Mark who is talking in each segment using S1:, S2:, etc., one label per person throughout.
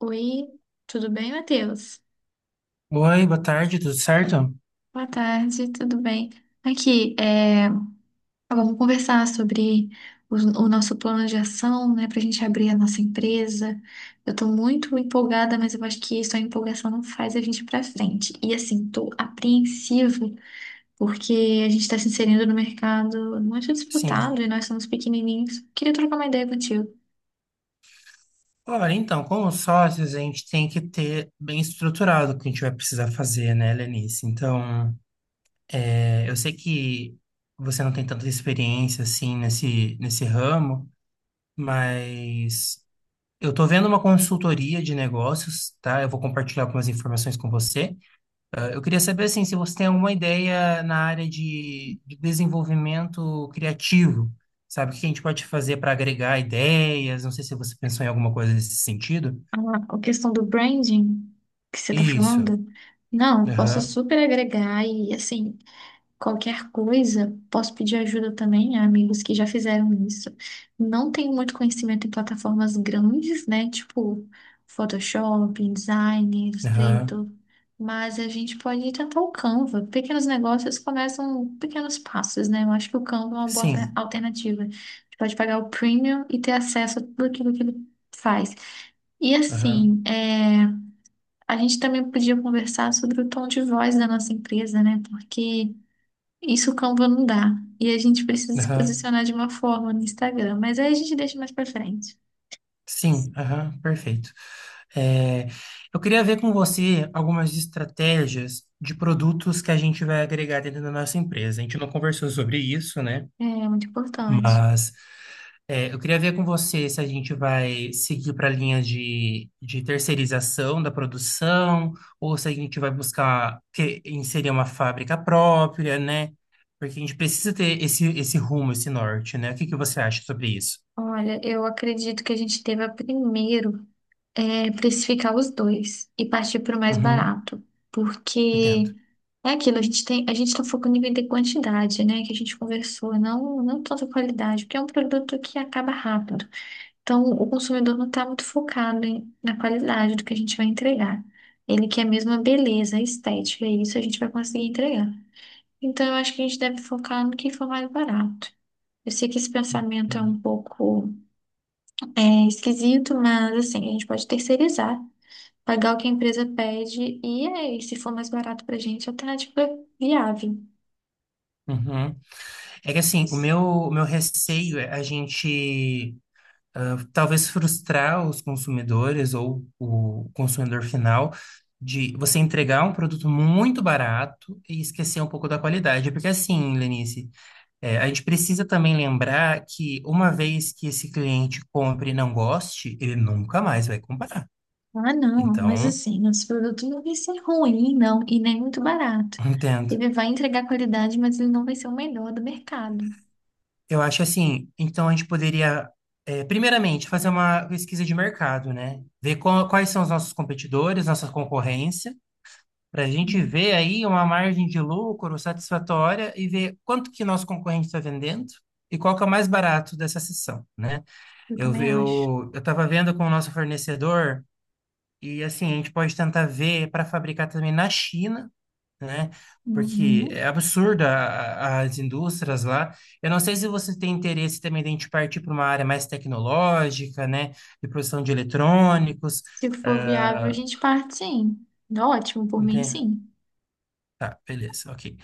S1: Oi, tudo bem, Matheus?
S2: Oi, boa tarde, tudo certo?
S1: Boa tarde, tudo bem? Aqui, agora vamos conversar sobre o, o nosso plano de ação, né, para a gente abrir a nossa empresa. Eu estou muito empolgada, mas eu acho que só a empolgação não faz a gente ir para frente. E assim, estou apreensiva porque a gente está se inserindo no mercado muito disputado
S2: Sim.
S1: e nós somos pequenininhos. Queria trocar uma ideia contigo.
S2: Olha, então, como sócios, a gente tem que ter bem estruturado o que a gente vai precisar fazer, né, Lenice? Então, eu sei que você não tem tanta experiência, assim, nesse ramo, mas eu tô vendo uma consultoria de negócios, tá? Eu vou compartilhar algumas informações com você. Eu queria saber assim, se você tem alguma ideia na área de desenvolvimento criativo, sabe? O que a gente pode fazer para agregar ideias? Não sei se você pensou em alguma coisa nesse sentido.
S1: A a questão do branding que você está
S2: Isso.
S1: falando, não, posso
S2: Aham.
S1: super agregar e, assim, qualquer coisa, posso pedir ajuda também a amigos que já fizeram isso. Não tenho muito conhecimento em plataformas grandes, né, tipo Photoshop, InDesign,
S2: Aham.
S1: Illustrator, mas a gente pode tentar o Canva. Pequenos negócios começam pequenos passos, né? Eu acho que o Canva é uma boa
S2: Sim.
S1: alternativa. A gente pode pagar o premium e ter acesso a tudo aquilo que ele faz. E
S2: Aham.
S1: assim, a gente também podia conversar sobre o tom de voz da nossa empresa, né? Porque isso o Canva não dá. E a gente precisa se
S2: Aham.
S1: posicionar de uma forma no Instagram. Mas aí a gente deixa mais pra frente.
S2: Sim. Aham. Perfeito. É, eu queria ver com você algumas estratégias de produtos que a gente vai agregar dentro da nossa empresa. A gente não conversou sobre isso, né?
S1: É muito importante.
S2: Mas eu queria ver com você se a gente vai seguir para a linha de terceirização da produção, ou se a gente vai buscar inserir uma fábrica própria, né? Porque a gente precisa ter esse rumo, esse norte, né? O que que você acha sobre isso?
S1: Olha, eu acredito que a gente deva primeiro precificar os dois e partir para o mais
S2: Uhum,
S1: barato.
S2: entendo.
S1: Porque é aquilo, a gente tem, a gente está focando em vender quantidade, né? Que a gente conversou, não, não tanta qualidade, porque é um produto que acaba rápido. Então, o consumidor não está muito focado em- na qualidade do que a gente vai entregar. Ele quer mesmo a beleza, a estética, e isso a gente vai conseguir entregar. Então, eu acho que a gente deve focar no que for mais barato. Eu sei que esse pensamento é
S2: Entendo.
S1: um pouco esquisito, mas assim, a gente pode terceirizar, pagar o que a empresa pede, e aí, se for mais barato para a gente, a alternativa é viável.
S2: Uhum. É que assim, o meu receio é a gente talvez frustrar os consumidores ou o consumidor final de você entregar um produto muito barato e esquecer um pouco da qualidade. Porque assim, Lenice, a gente precisa também lembrar que uma vez que esse cliente compre e não goste, ele nunca mais vai comprar.
S1: Ah, não, mas
S2: Então,
S1: assim, os produtos não vai ser ruim, não, e nem muito barato.
S2: entendo.
S1: Ele vai entregar qualidade, mas ele não vai ser o melhor do mercado.
S2: Eu acho assim, então a gente poderia primeiramente, fazer uma pesquisa de mercado, né? Ver quais são os nossos competidores, nossa concorrência, para a
S1: É,
S2: gente ver aí uma margem de lucro satisfatória e ver quanto que nosso concorrente está vendendo e qual que é o mais barato dessa sessão, né?
S1: eu
S2: Eu
S1: também acho.
S2: eu eu estava vendo com o nosso fornecedor e assim a gente pode tentar ver para fabricar também na China, né? Porque
S1: Uhum.
S2: é absurda as indústrias lá. Eu não sei se você tem interesse também de a gente partir para uma área mais tecnológica, né? De produção de eletrônicos.
S1: Se for viável, a
S2: ah,
S1: gente parte sim. Tá. Ótimo, por mim,
S2: né?
S1: sim.
S2: Tá, beleza, ok.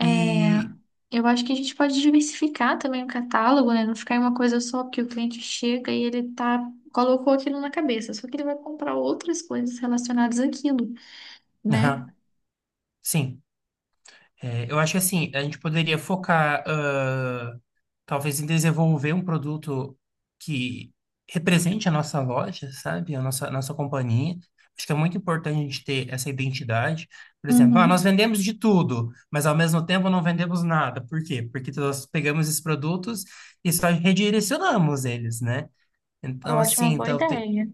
S1: É,
S2: E
S1: eu acho que a gente pode diversificar também o catálogo, né? Não ficar em uma coisa só, porque o cliente chega e ele tá, colocou aquilo na cabeça, só que ele vai comprar outras coisas relacionadas àquilo, né?
S2: Aham, Sim. Eu acho que assim, a gente poderia focar, talvez, em desenvolver um produto que represente a nossa loja, sabe? Nossa companhia. Acho que é muito importante a gente ter essa identidade. Por exemplo, nós
S1: Uhum.
S2: vendemos de tudo, mas ao mesmo tempo não vendemos nada. Por quê? Porque nós pegamos esses produtos e só redirecionamos eles, né?
S1: Eu
S2: Então,
S1: acho uma
S2: assim,
S1: boa ideia.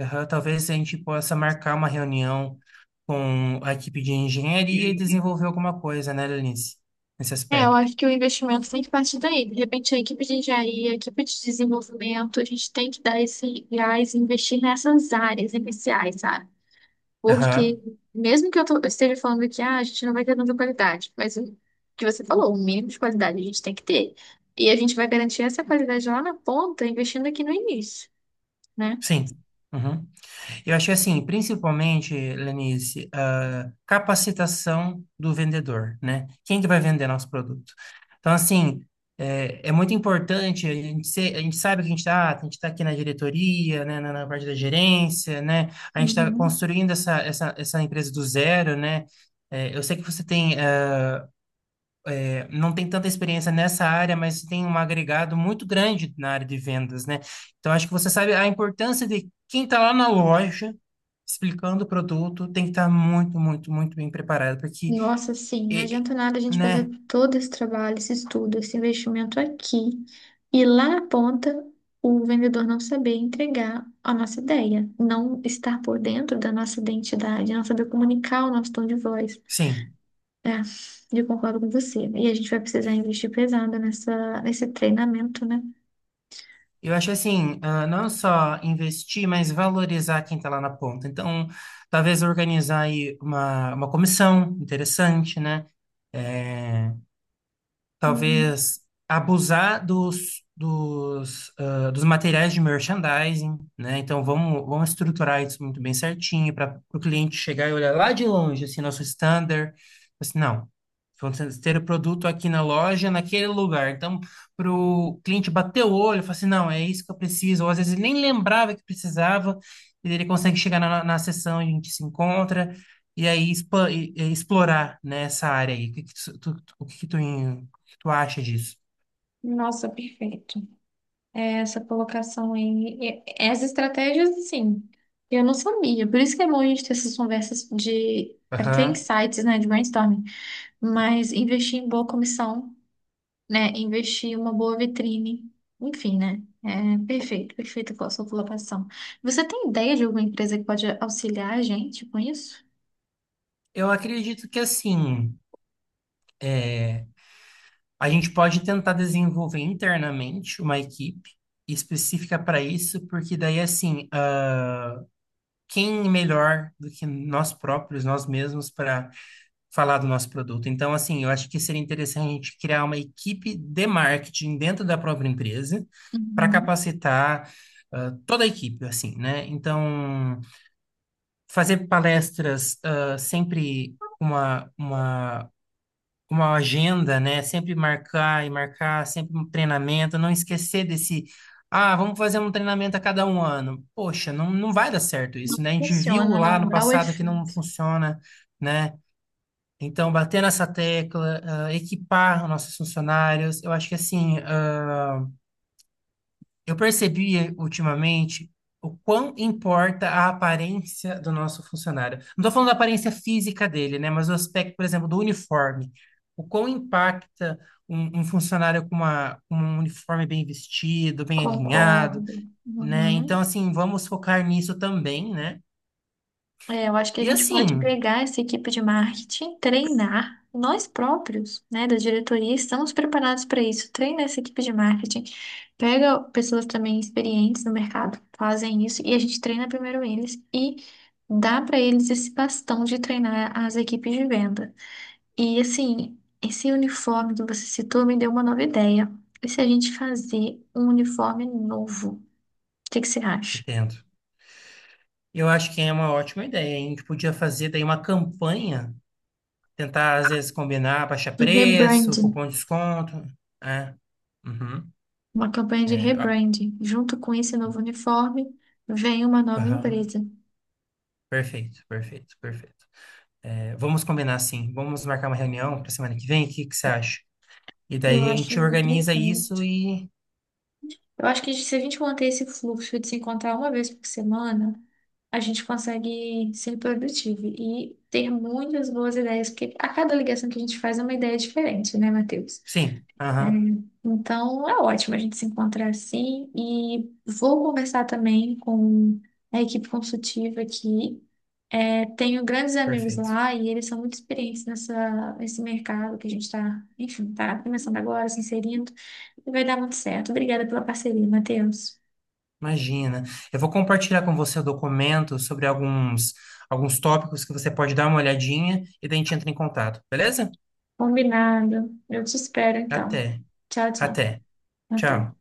S2: aham. Talvez a gente possa marcar uma reunião com a equipe de engenharia e desenvolver alguma coisa, né, Lenice? Nesse
S1: É, eu
S2: aspecto.
S1: acho que o investimento tem que partir daí. De repente, a equipe de engenharia, a equipe de desenvolvimento, a gente tem que dar esse gás e investir nessas áreas iniciais, sabe? Porque,
S2: Aham,
S1: mesmo que eu esteja falando que ah, a gente não vai ter tanta qualidade, mas o que você falou, o mínimo de qualidade a gente tem que ter. E a gente vai garantir essa qualidade lá na ponta, investindo aqui no início, né?
S2: Sim. Uhum. Eu achei assim, principalmente, Lenice, capacitação do vendedor, né? Quem que vai vender nosso produto? Então, assim, é muito importante, a gente, a gente sabe que a gente está aqui na diretoria, né? Na parte da gerência, né? A gente está
S1: Uhum.
S2: construindo essa empresa do zero, né? Eu sei que você tem não tem tanta experiência nessa área, mas tem um agregado muito grande na área de vendas, né? Então, acho que você sabe a importância de quem está lá na loja explicando o produto tem que estar muito, muito, muito bem preparado, porque,
S1: Nossa, sim, não
S2: e-
S1: adianta nada a gente fazer
S2: né?
S1: todo esse trabalho, esse estudo, esse investimento aqui e lá na ponta o vendedor não saber entregar a nossa ideia, não estar por dentro da nossa identidade, não saber comunicar o nosso tom de voz.
S2: Sim.
S1: É, eu concordo com você. E a gente vai precisar investir pesado nesse treinamento, né?
S2: Eu acho assim, não só investir, mas valorizar quem está lá na ponta. Então, talvez organizar aí uma comissão interessante, né? É,
S1: Uhum.
S2: talvez abusar dos materiais de merchandising, né? Então vamos estruturar isso muito bem certinho para o cliente chegar e olhar lá de longe, assim, nosso standard. Assim, não, vamos ter o produto aqui na loja, naquele lugar. Então, para o cliente bater o olho, falar assim, não, é isso que eu preciso. Ou às vezes ele nem lembrava que precisava, e ele consegue chegar na sessão, a gente se encontra. E aí, explorar, né, essa área aí. O que que Tu acha disso?
S1: Nossa, perfeito. É, essa colocação aí. É, as estratégias, assim, eu não sabia. Por isso que é bom a gente ter essas conversas de. Para ter
S2: Aham.
S1: insights, né, de brainstorming. Mas investir em boa comissão, né? Investir em uma boa vitrine. Enfim, né? É perfeito, perfeito com a sua colocação. Você tem ideia de alguma empresa que pode auxiliar a gente com isso?
S2: Eu acredito que assim, a gente pode tentar desenvolver internamente uma equipe específica para isso, porque daí assim, quem melhor do que nós próprios, nós mesmos, para falar do nosso produto? Então, assim, eu acho que seria interessante a gente criar uma equipe de marketing dentro da própria empresa para
S1: Uhum.
S2: capacitar toda a equipe, assim, né? Então, fazer palestras sempre uma agenda, né? Sempre marcar e marcar, sempre um treinamento, não esquecer desse, vamos fazer um treinamento a cada um ano. Poxa, não vai dar certo
S1: Não
S2: isso, né? A gente viu
S1: funciona,
S2: lá
S1: não.
S2: no
S1: Dá o
S2: passado que não
S1: efeito.
S2: funciona, né? Então, bater nessa tecla, equipar os nossos funcionários, eu acho que assim, eu percebi ultimamente o quão importa a aparência do nosso funcionário. Não estou falando da aparência física dele, né? Mas o aspecto, por exemplo, do uniforme. O quão impacta um funcionário com com um uniforme bem vestido, bem alinhado,
S1: Concordo.
S2: né? Então,
S1: Uhum.
S2: assim, vamos focar nisso também, né?
S1: É, eu acho que a
S2: E
S1: gente pode
S2: assim,
S1: pegar essa equipe de marketing, treinar nós próprios, né, da diretoria, estamos preparados para isso. Treina essa equipe de marketing, pega pessoas também experientes no mercado, fazem isso e a gente treina primeiro eles e dá para eles esse bastão de treinar as equipes de venda. E assim, esse uniforme que você citou me deu uma nova ideia. E se a gente fazer um uniforme novo? O que que você acha?
S2: entendo. Eu acho que é uma ótima ideia, hein? A gente podia fazer daí uma campanha, tentar às vezes combinar, baixar
S1: De
S2: preço,
S1: rebranding.
S2: cupom de desconto, né? Uhum.
S1: Uma campanha de
S2: É, ah,
S1: rebranding. Junto com esse novo uniforme, vem uma nova
S2: aham.
S1: empresa.
S2: Perfeito, perfeito, perfeito. Vamos combinar assim, vamos marcar uma reunião para semana que vem, o que que você acha? E
S1: Eu
S2: daí a gente
S1: acho
S2: organiza
S1: perfeito.
S2: isso e.
S1: Eu acho que se a gente manter esse fluxo de se encontrar uma vez por semana, a gente consegue ser produtivo e ter muitas boas ideias, porque a cada ligação que a gente faz é uma ideia diferente, né, Matheus?
S2: Sim,
S1: É,
S2: aham,
S1: então é ótimo a gente se encontrar assim e vou conversar também com a equipe consultiva aqui. É, tenho grandes amigos
S2: perfeito.
S1: lá e eles são muito experientes nessa, nesse mercado que a gente está, enfim, tá começando agora, se inserindo. E vai dar muito certo. Obrigada pela parceria, Matheus.
S2: Imagina. Eu vou compartilhar com você o documento sobre alguns tópicos que você pode dar uma olhadinha e daí a gente entra em contato, beleza?
S1: Combinado. Eu te espero, então.
S2: Até,
S1: Tchau, tchau.
S2: até.
S1: Até.
S2: Tchau.